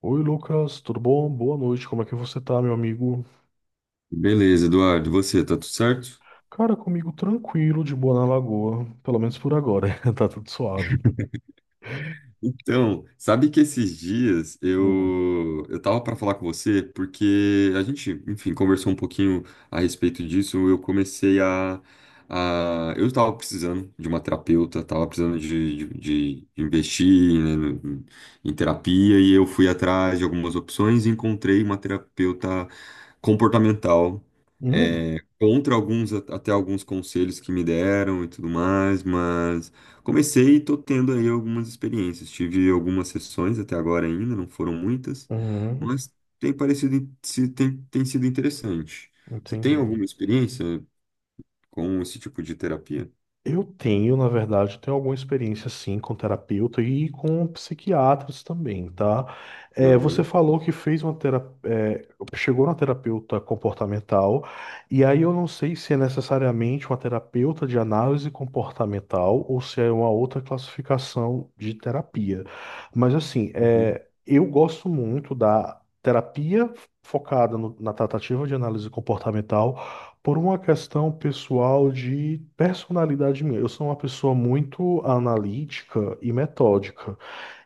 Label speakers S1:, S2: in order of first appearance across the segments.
S1: Oi, Lucas, tudo bom? Boa noite, como é que você tá, meu amigo?
S2: Beleza, Eduardo, e você, tá tudo certo?
S1: Cara, comigo tranquilo, de boa na lagoa, pelo menos por agora, tá tudo suave.
S2: Então, sabe que esses dias
S1: Hum.
S2: eu tava para falar com você porque a gente, enfim, conversou um pouquinho a respeito disso. Eu comecei a Eu tava precisando de uma terapeuta, tava precisando de investir, né, em terapia, e eu fui atrás de algumas opções e encontrei uma terapeuta comportamental.
S1: Hum.
S2: Contra alguns, até alguns conselhos que me deram e tudo mais, mas comecei e estou tendo aí algumas experiências. Tive algumas sessões até agora ainda, não foram muitas,
S1: Hum.
S2: mas tem parecido, tem sido interessante. Você tem
S1: Entendi.
S2: alguma experiência com esse tipo de terapia?
S1: Eu tenho, na verdade, eu tenho alguma experiência sim com terapeuta e com psiquiatras também, tá? Você
S2: Aham,
S1: falou que fez uma terapia, chegou na terapeuta comportamental, e aí eu não sei se é necessariamente uma terapeuta de análise comportamental ou se é uma outra classificação de terapia. Mas assim,
S2: uhum,
S1: eu gosto muito da terapia focada na tratativa de análise comportamental por uma questão pessoal de personalidade minha. Eu sou uma pessoa muito analítica e metódica.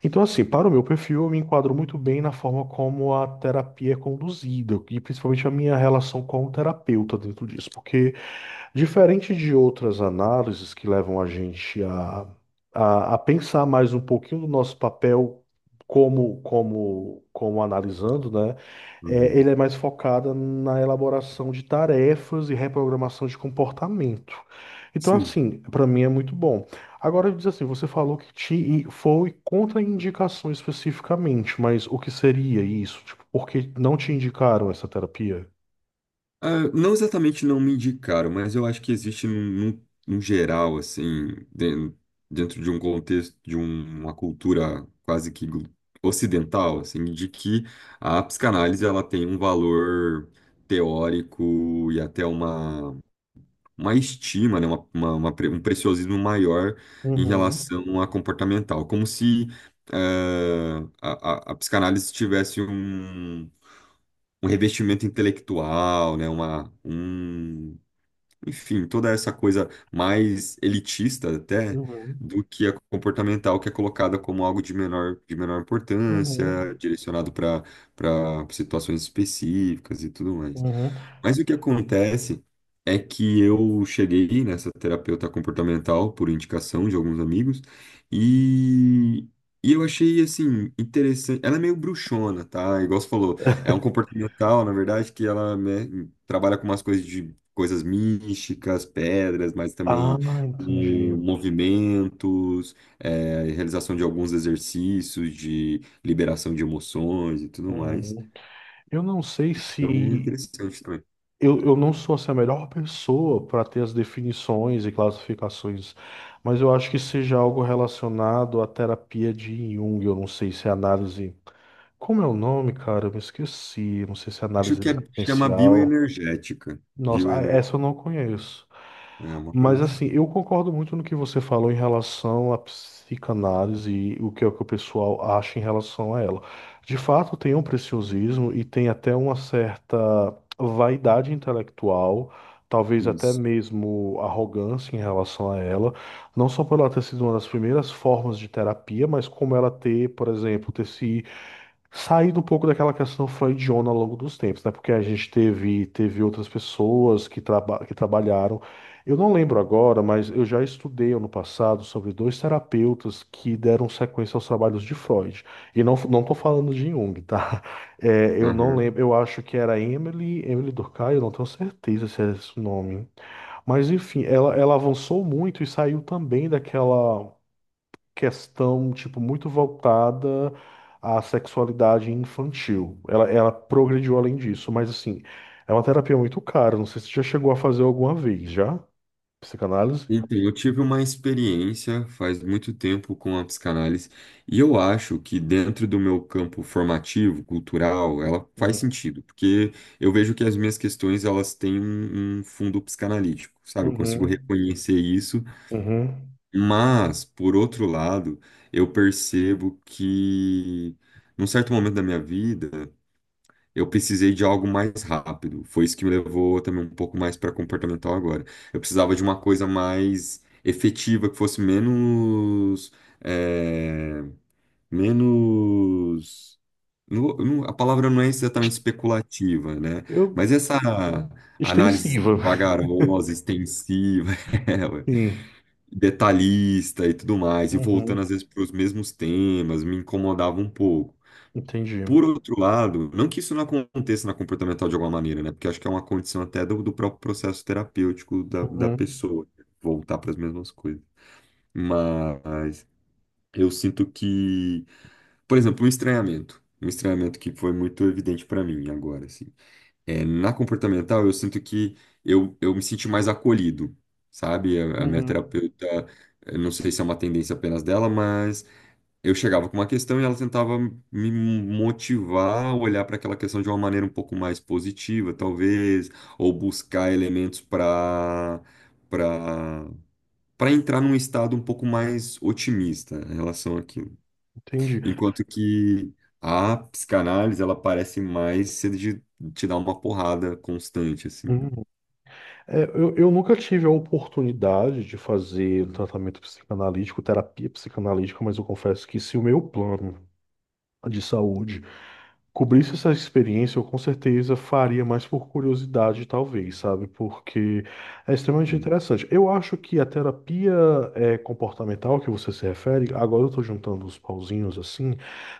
S1: Então, assim, para o meu perfil, eu me enquadro muito bem na forma como a terapia é conduzida, e principalmente a minha relação com o terapeuta dentro disso, porque diferente de outras análises que levam a gente a, a pensar mais um pouquinho do nosso papel como, como analisando, né?
S2: uhum.
S1: Ele é mais focado na elaboração de tarefas e reprogramação de comportamento. Então,
S2: Sim.
S1: assim, para mim é muito bom. Agora, diz assim, você falou que te e foi contraindicação especificamente, mas o que seria isso? Tipo, por que não te indicaram essa terapia?
S2: Ah, não exatamente não me indicaram, mas eu acho que existe num geral, assim, dentro de um contexto, de uma cultura quase que ocidental, assim, de que a psicanálise ela tem um valor teórico e até uma estima, né, um preciosismo maior em
S1: Uhum,
S2: relação à comportamental, como se a psicanálise tivesse um revestimento intelectual, né? Enfim, toda essa coisa mais elitista até
S1: uhum,
S2: do que a comportamental, que é colocada como algo de menor importância,
S1: uhum.
S2: direcionado para situações específicas e tudo mais.
S1: Uhum.
S2: Mas o que acontece é que eu cheguei nessa terapeuta comportamental por indicação de alguns amigos, e, e eu achei assim interessante. Ela é meio bruxona, tá? Igual você falou, é um comportamental, na verdade, que ela, né, trabalha com umas coisas de coisas místicas, pedras, mas
S1: Ah,
S2: também
S1: entendi.
S2: com movimentos, realização de alguns exercícios de liberação de emoções e tudo mais.
S1: Uhum. Eu não sei
S2: Então, é
S1: se.
S2: interessante também.
S1: Eu não sou assim, a melhor pessoa para ter as definições e classificações, mas eu acho que seja algo relacionado à terapia de Jung. Eu não sei se é análise. Como é o nome, cara? Eu me esqueci. Não sei se é
S2: Acho
S1: análise
S2: que é, chama
S1: existencial.
S2: bioenergética.
S1: Nossa, ah,
S2: Bioener...
S1: essa eu não conheço.
S2: É uma coisa
S1: Mas assim,
S2: assim.
S1: eu concordo muito no que você falou em relação à psicanálise e o que é que o pessoal acha em relação a ela. De fato, tem um preciosismo e tem até uma certa vaidade intelectual, talvez até
S2: Isso.
S1: mesmo arrogância em relação a ela, não só por ela ter sido uma das primeiras formas de terapia, mas como ela ter, por exemplo, ter se saindo um pouco daquela questão freudiana ao longo dos tempos, né? Porque a gente teve outras pessoas que trabalharam. Eu não lembro agora, mas eu já estudei ano passado sobre dois terapeutas que deram sequência aos trabalhos de Freud. E não, não tô falando de Jung, tá? Eu não lembro, eu acho que era Emily Durkheim, eu não tenho certeza se é esse o nome. Mas enfim, ela avançou muito e saiu também daquela questão, tipo, muito voltada à sexualidade infantil. Ela progrediu além disso, mas assim, é uma terapia muito cara. Não sei se você já chegou a fazer alguma vez, já? Psicanálise?
S2: Então, eu tive uma experiência faz muito tempo com a psicanálise, e eu acho que dentro do meu campo formativo, cultural, ela faz
S1: Uhum.
S2: sentido, porque eu vejo que as minhas questões elas têm um fundo psicanalítico, sabe? Eu consigo
S1: Uhum.
S2: reconhecer isso,
S1: Uhum.
S2: mas por outro lado, eu percebo que num certo momento da minha vida eu precisei de algo mais rápido. Foi isso que me levou também um pouco mais para comportamental agora. Eu precisava de uma coisa mais efetiva, que fosse menos. É, menos. A palavra não é exatamente
S1: Ex-
S2: especulativa, né?
S1: Eu.
S2: Mas essa análise
S1: Extensiva.
S2: vagarosa, extensiva, é, ué,
S1: Sim.
S2: detalhista e tudo mais, e voltando
S1: Uhum.
S2: às vezes para os mesmos temas, me incomodava um pouco.
S1: Entendi.
S2: Por outro lado, não que isso não aconteça na comportamental de alguma maneira, né? Porque acho que é uma condição até do próprio processo terapêutico da
S1: Uhum.
S2: pessoa, né? Voltar para as mesmas coisas. Mas eu sinto que, por exemplo, um estranhamento. Um estranhamento que foi muito evidente para mim agora, assim. É, na comportamental, eu sinto que eu me senti mais acolhido, sabe? A minha
S1: Uhum.
S2: terapeuta, eu não sei se é uma tendência apenas dela, mas eu chegava com uma questão e ela tentava me motivar a olhar para aquela questão de uma maneira um pouco mais positiva, talvez, ou buscar elementos para para entrar num estado um pouco mais otimista em relação àquilo.
S1: Entendi.
S2: Enquanto que a psicanálise, ela parece mais ser de te dar uma porrada constante, assim.
S1: Uhum. Eu nunca tive a oportunidade de fazer tratamento psicanalítico, terapia psicanalítica, mas eu confesso que se o meu plano de saúde cobrisse essa experiência, eu com certeza faria mais por curiosidade, talvez, sabe? Porque é extremamente
S2: Sim.
S1: interessante. Eu acho que a terapia é, comportamental que você se refere, agora eu estou juntando os pauzinhos assim,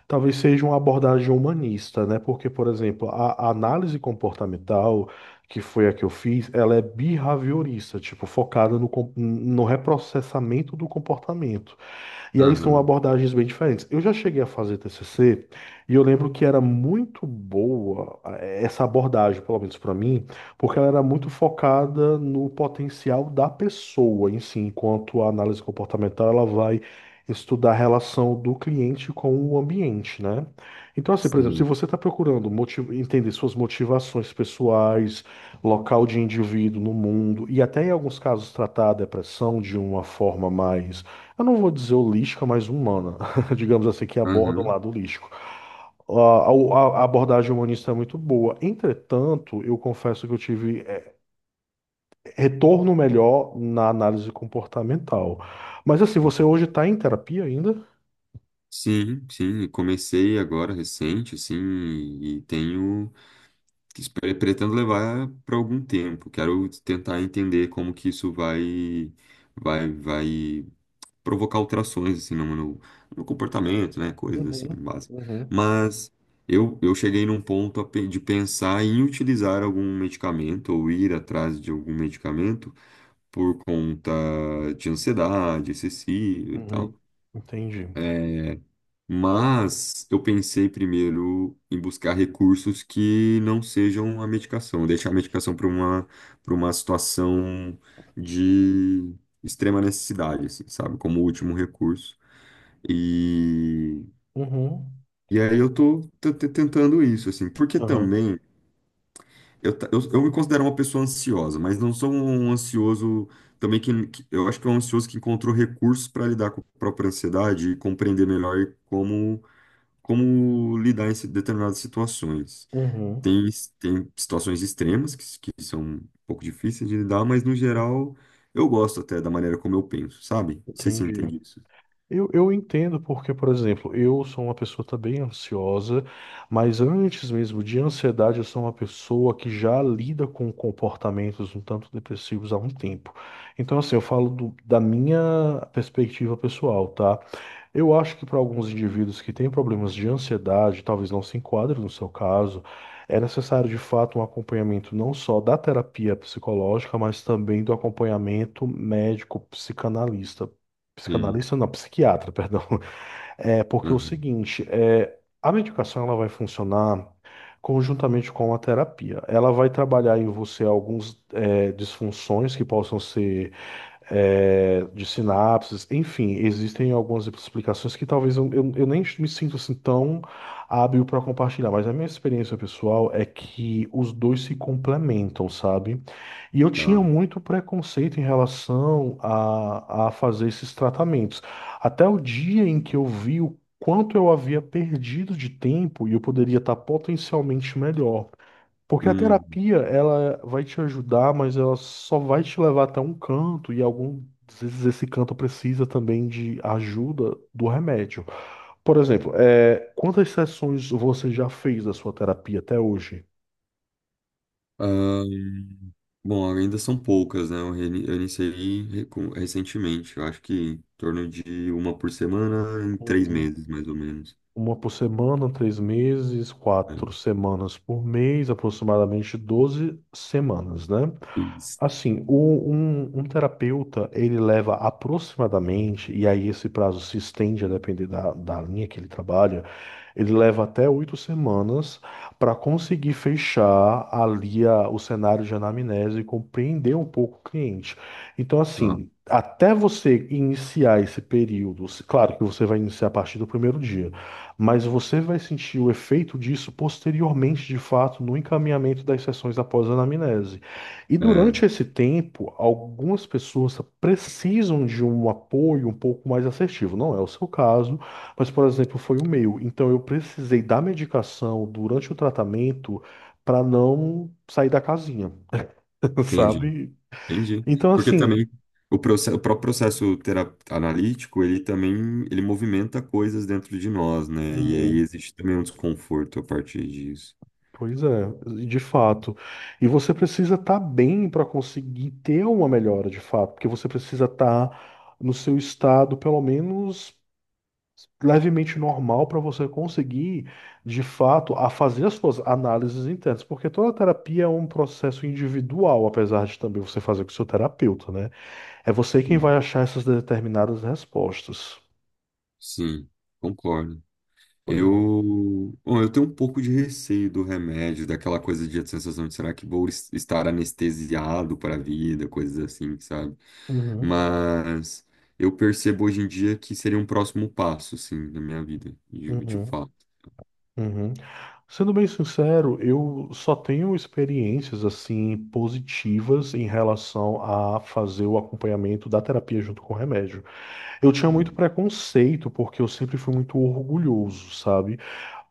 S1: talvez seja uma abordagem humanista, né? Porque, por exemplo, a análise comportamental. Que foi a que eu fiz, ela é behaviorista, tipo, focada no reprocessamento do comportamento. E aí são
S2: Aham,
S1: abordagens bem diferentes. Eu já cheguei a fazer TCC e eu lembro que era muito boa essa abordagem, pelo menos para mim, porque ela era muito focada no potencial da pessoa em si, enquanto a análise comportamental ela vai estudar a relação do cliente com o ambiente, né? Então, assim, por exemplo, se
S2: sim.
S1: você está procurando entender suas motivações pessoais, local de indivíduo no mundo e até em alguns casos tratar a depressão de uma forma mais, eu não vou dizer holística, mas humana, digamos assim, que aborda o
S2: Aham.
S1: lado holístico. A abordagem humanista é muito boa. Entretanto, eu confesso que eu tive retorno melhor na análise comportamental. Mas assim, você hoje está em terapia ainda?
S2: Sim, sim, comecei agora recente, assim, e tenho... Espero... Pretendo levar para algum tempo. Quero tentar entender como que isso vai provocar alterações assim no comportamento, né? Coisas assim
S1: Uhum,
S2: básicas.
S1: uhum,
S2: Mas eu cheguei num ponto de pensar em utilizar algum medicamento ou ir atrás de algum medicamento por conta de ansiedade excessiva e
S1: uhum.
S2: tal.
S1: Entendi.
S2: É, mas eu pensei primeiro em buscar recursos que não sejam a medicação, deixar a medicação para uma situação de extrema necessidade, assim, sabe? Como último recurso. E
S1: Uhum,
S2: e aí eu tô, tentando isso, assim, porque
S1: uhum,
S2: também eu me considero uma pessoa ansiosa, mas não sou um ansioso também que eu acho que é um ansioso que encontrou recursos para lidar com a própria ansiedade e compreender melhor como lidar em determinadas situações.
S1: uhum.
S2: Tem, tem situações extremas que, que são um pouco difíceis de lidar, mas no geral eu gosto até da maneira como eu penso, sabe? Não sei se você
S1: Entendi.
S2: entende isso.
S1: Eu entendo porque, por exemplo, eu sou uma pessoa também ansiosa, mas antes mesmo de ansiedade, eu sou uma pessoa que já lida com comportamentos um tanto depressivos há um tempo. Então, assim, eu falo da minha perspectiva pessoal, tá? Eu acho que para alguns indivíduos que têm problemas de ansiedade, talvez não se enquadre no seu caso, é necessário de fato um acompanhamento não só da terapia psicológica, mas também do acompanhamento médico psicanalista.
S2: Sim.
S1: Psicanalista não, psiquiatra, perdão. É porque é o
S2: Uhum.
S1: seguinte, a medicação ela vai funcionar conjuntamente com a terapia. Ela vai trabalhar em você alguns, disfunções que possam ser, de sinapses, enfim, existem algumas explicações que talvez eu nem me sinto assim tão hábil para compartilhar, mas a minha experiência pessoal é que os dois se complementam, sabe? E eu tinha
S2: Tá.
S1: muito preconceito em relação a fazer esses tratamentos, até o dia em que eu vi o quanto eu havia perdido de tempo e eu poderia estar potencialmente melhor. Porque a
S2: Hum.
S1: terapia, ela vai te ajudar, mas ela só vai te levar até um canto, e algumas vezes esse canto precisa também de ajuda do remédio. Por exemplo, quantas sessões você já fez da sua terapia até hoje?
S2: Ahn, Bom, ainda são poucas, né? Eu, eu iniciei recentemente, eu acho que em torno de uma por semana em três
S1: Uhum.
S2: meses, mais ou menos.
S1: Uma por semana, 3 meses, quatro
S2: É.
S1: semanas por mês, aproximadamente 12 semanas, né?
S2: Isso.
S1: Assim, um terapeuta, ele leva aproximadamente, e aí esse prazo se estende a depender da, linha que ele trabalha, ele leva até 8 semanas para conseguir fechar ali o cenário de anamnese e compreender um pouco o cliente. Então,
S2: Tá.
S1: assim, até você iniciar esse período, claro que você vai iniciar a partir do primeiro dia, mas você vai sentir o efeito disso posteriormente, de fato, no encaminhamento das sessões após a anamnese. E durante
S2: É,
S1: esse tempo, algumas pessoas precisam de um apoio um pouco mais assertivo. Não é o seu caso. Mas, por exemplo, foi o meu. Então, eu precisei da medicação durante o tratamento para não sair da casinha,
S2: entendi.
S1: sabe?
S2: Entendi.
S1: Então,
S2: Porque
S1: assim,
S2: também o próprio processo analítico, ele movimenta coisas dentro de nós, né? E aí
S1: hum,
S2: existe também um desconforto a partir disso.
S1: pois é, de fato. E você precisa estar bem para conseguir ter uma melhora, de fato, porque você precisa estar no seu estado, pelo menos, levemente normal para você conseguir, de fato, a fazer as suas análises internas, porque toda terapia é um processo individual, apesar de também você fazer com o seu terapeuta, né? É você quem
S2: Sim,
S1: vai achar essas determinadas respostas.
S2: sim, concordo.
S1: Pois é.
S2: Eu, bom, eu tenho um pouco de receio do remédio, daquela coisa de sensação de será que vou estar anestesiado para a vida, coisas assim, sabe?
S1: Uhum,
S2: Mas eu percebo hoje em dia que seria um próximo passo, sim, na minha vida, de
S1: uhum,
S2: fato.
S1: uhum. Sendo bem sincero, eu só tenho experiências assim positivas em relação a fazer o acompanhamento da terapia junto com o remédio. Eu tinha muito
S2: Uhum,
S1: preconceito porque eu sempre fui muito orgulhoso, sabe?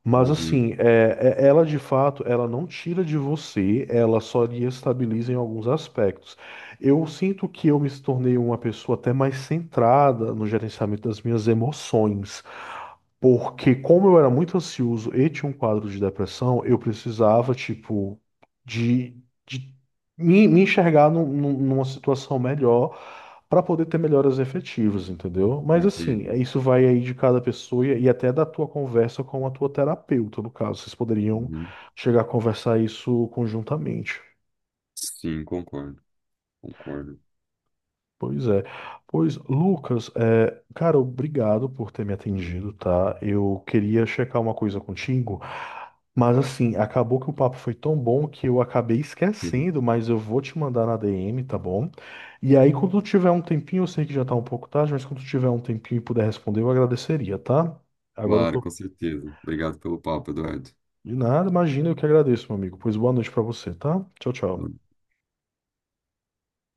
S1: Mas
S2: uhum,
S1: assim, ela de fato, ela não tira de você, ela só lhe estabiliza em alguns aspectos. Eu sinto que eu me tornei uma pessoa até mais centrada no gerenciamento das minhas emoções, porque como eu era muito ansioso e tinha um quadro de depressão, eu precisava, tipo, de, de me enxergar numa situação melhor para poder ter melhoras efetivas, entendeu? Mas assim,
S2: entendi.
S1: isso vai aí de cada pessoa e até da tua conversa com a tua terapeuta, no caso. Vocês poderiam
S2: Uhum.
S1: chegar a conversar isso conjuntamente.
S2: Sim, concordo, concordo.
S1: Pois é. Pois, Lucas, cara, obrigado por ter me atendido, tá? Eu queria checar uma coisa contigo, mas assim, acabou que o papo foi tão bom que eu acabei esquecendo, mas eu vou te mandar na DM, tá bom? E aí, quando tu tiver um tempinho, eu sei que já tá um pouco tarde, mas quando tu tiver um tempinho e puder responder, eu agradeceria, tá? Agora eu
S2: Claro,
S1: tô.
S2: com certeza. Obrigado pelo papo, Eduardo.
S1: De nada, imagina, eu que agradeço, meu amigo. Pois boa noite pra você, tá? Tchau, tchau.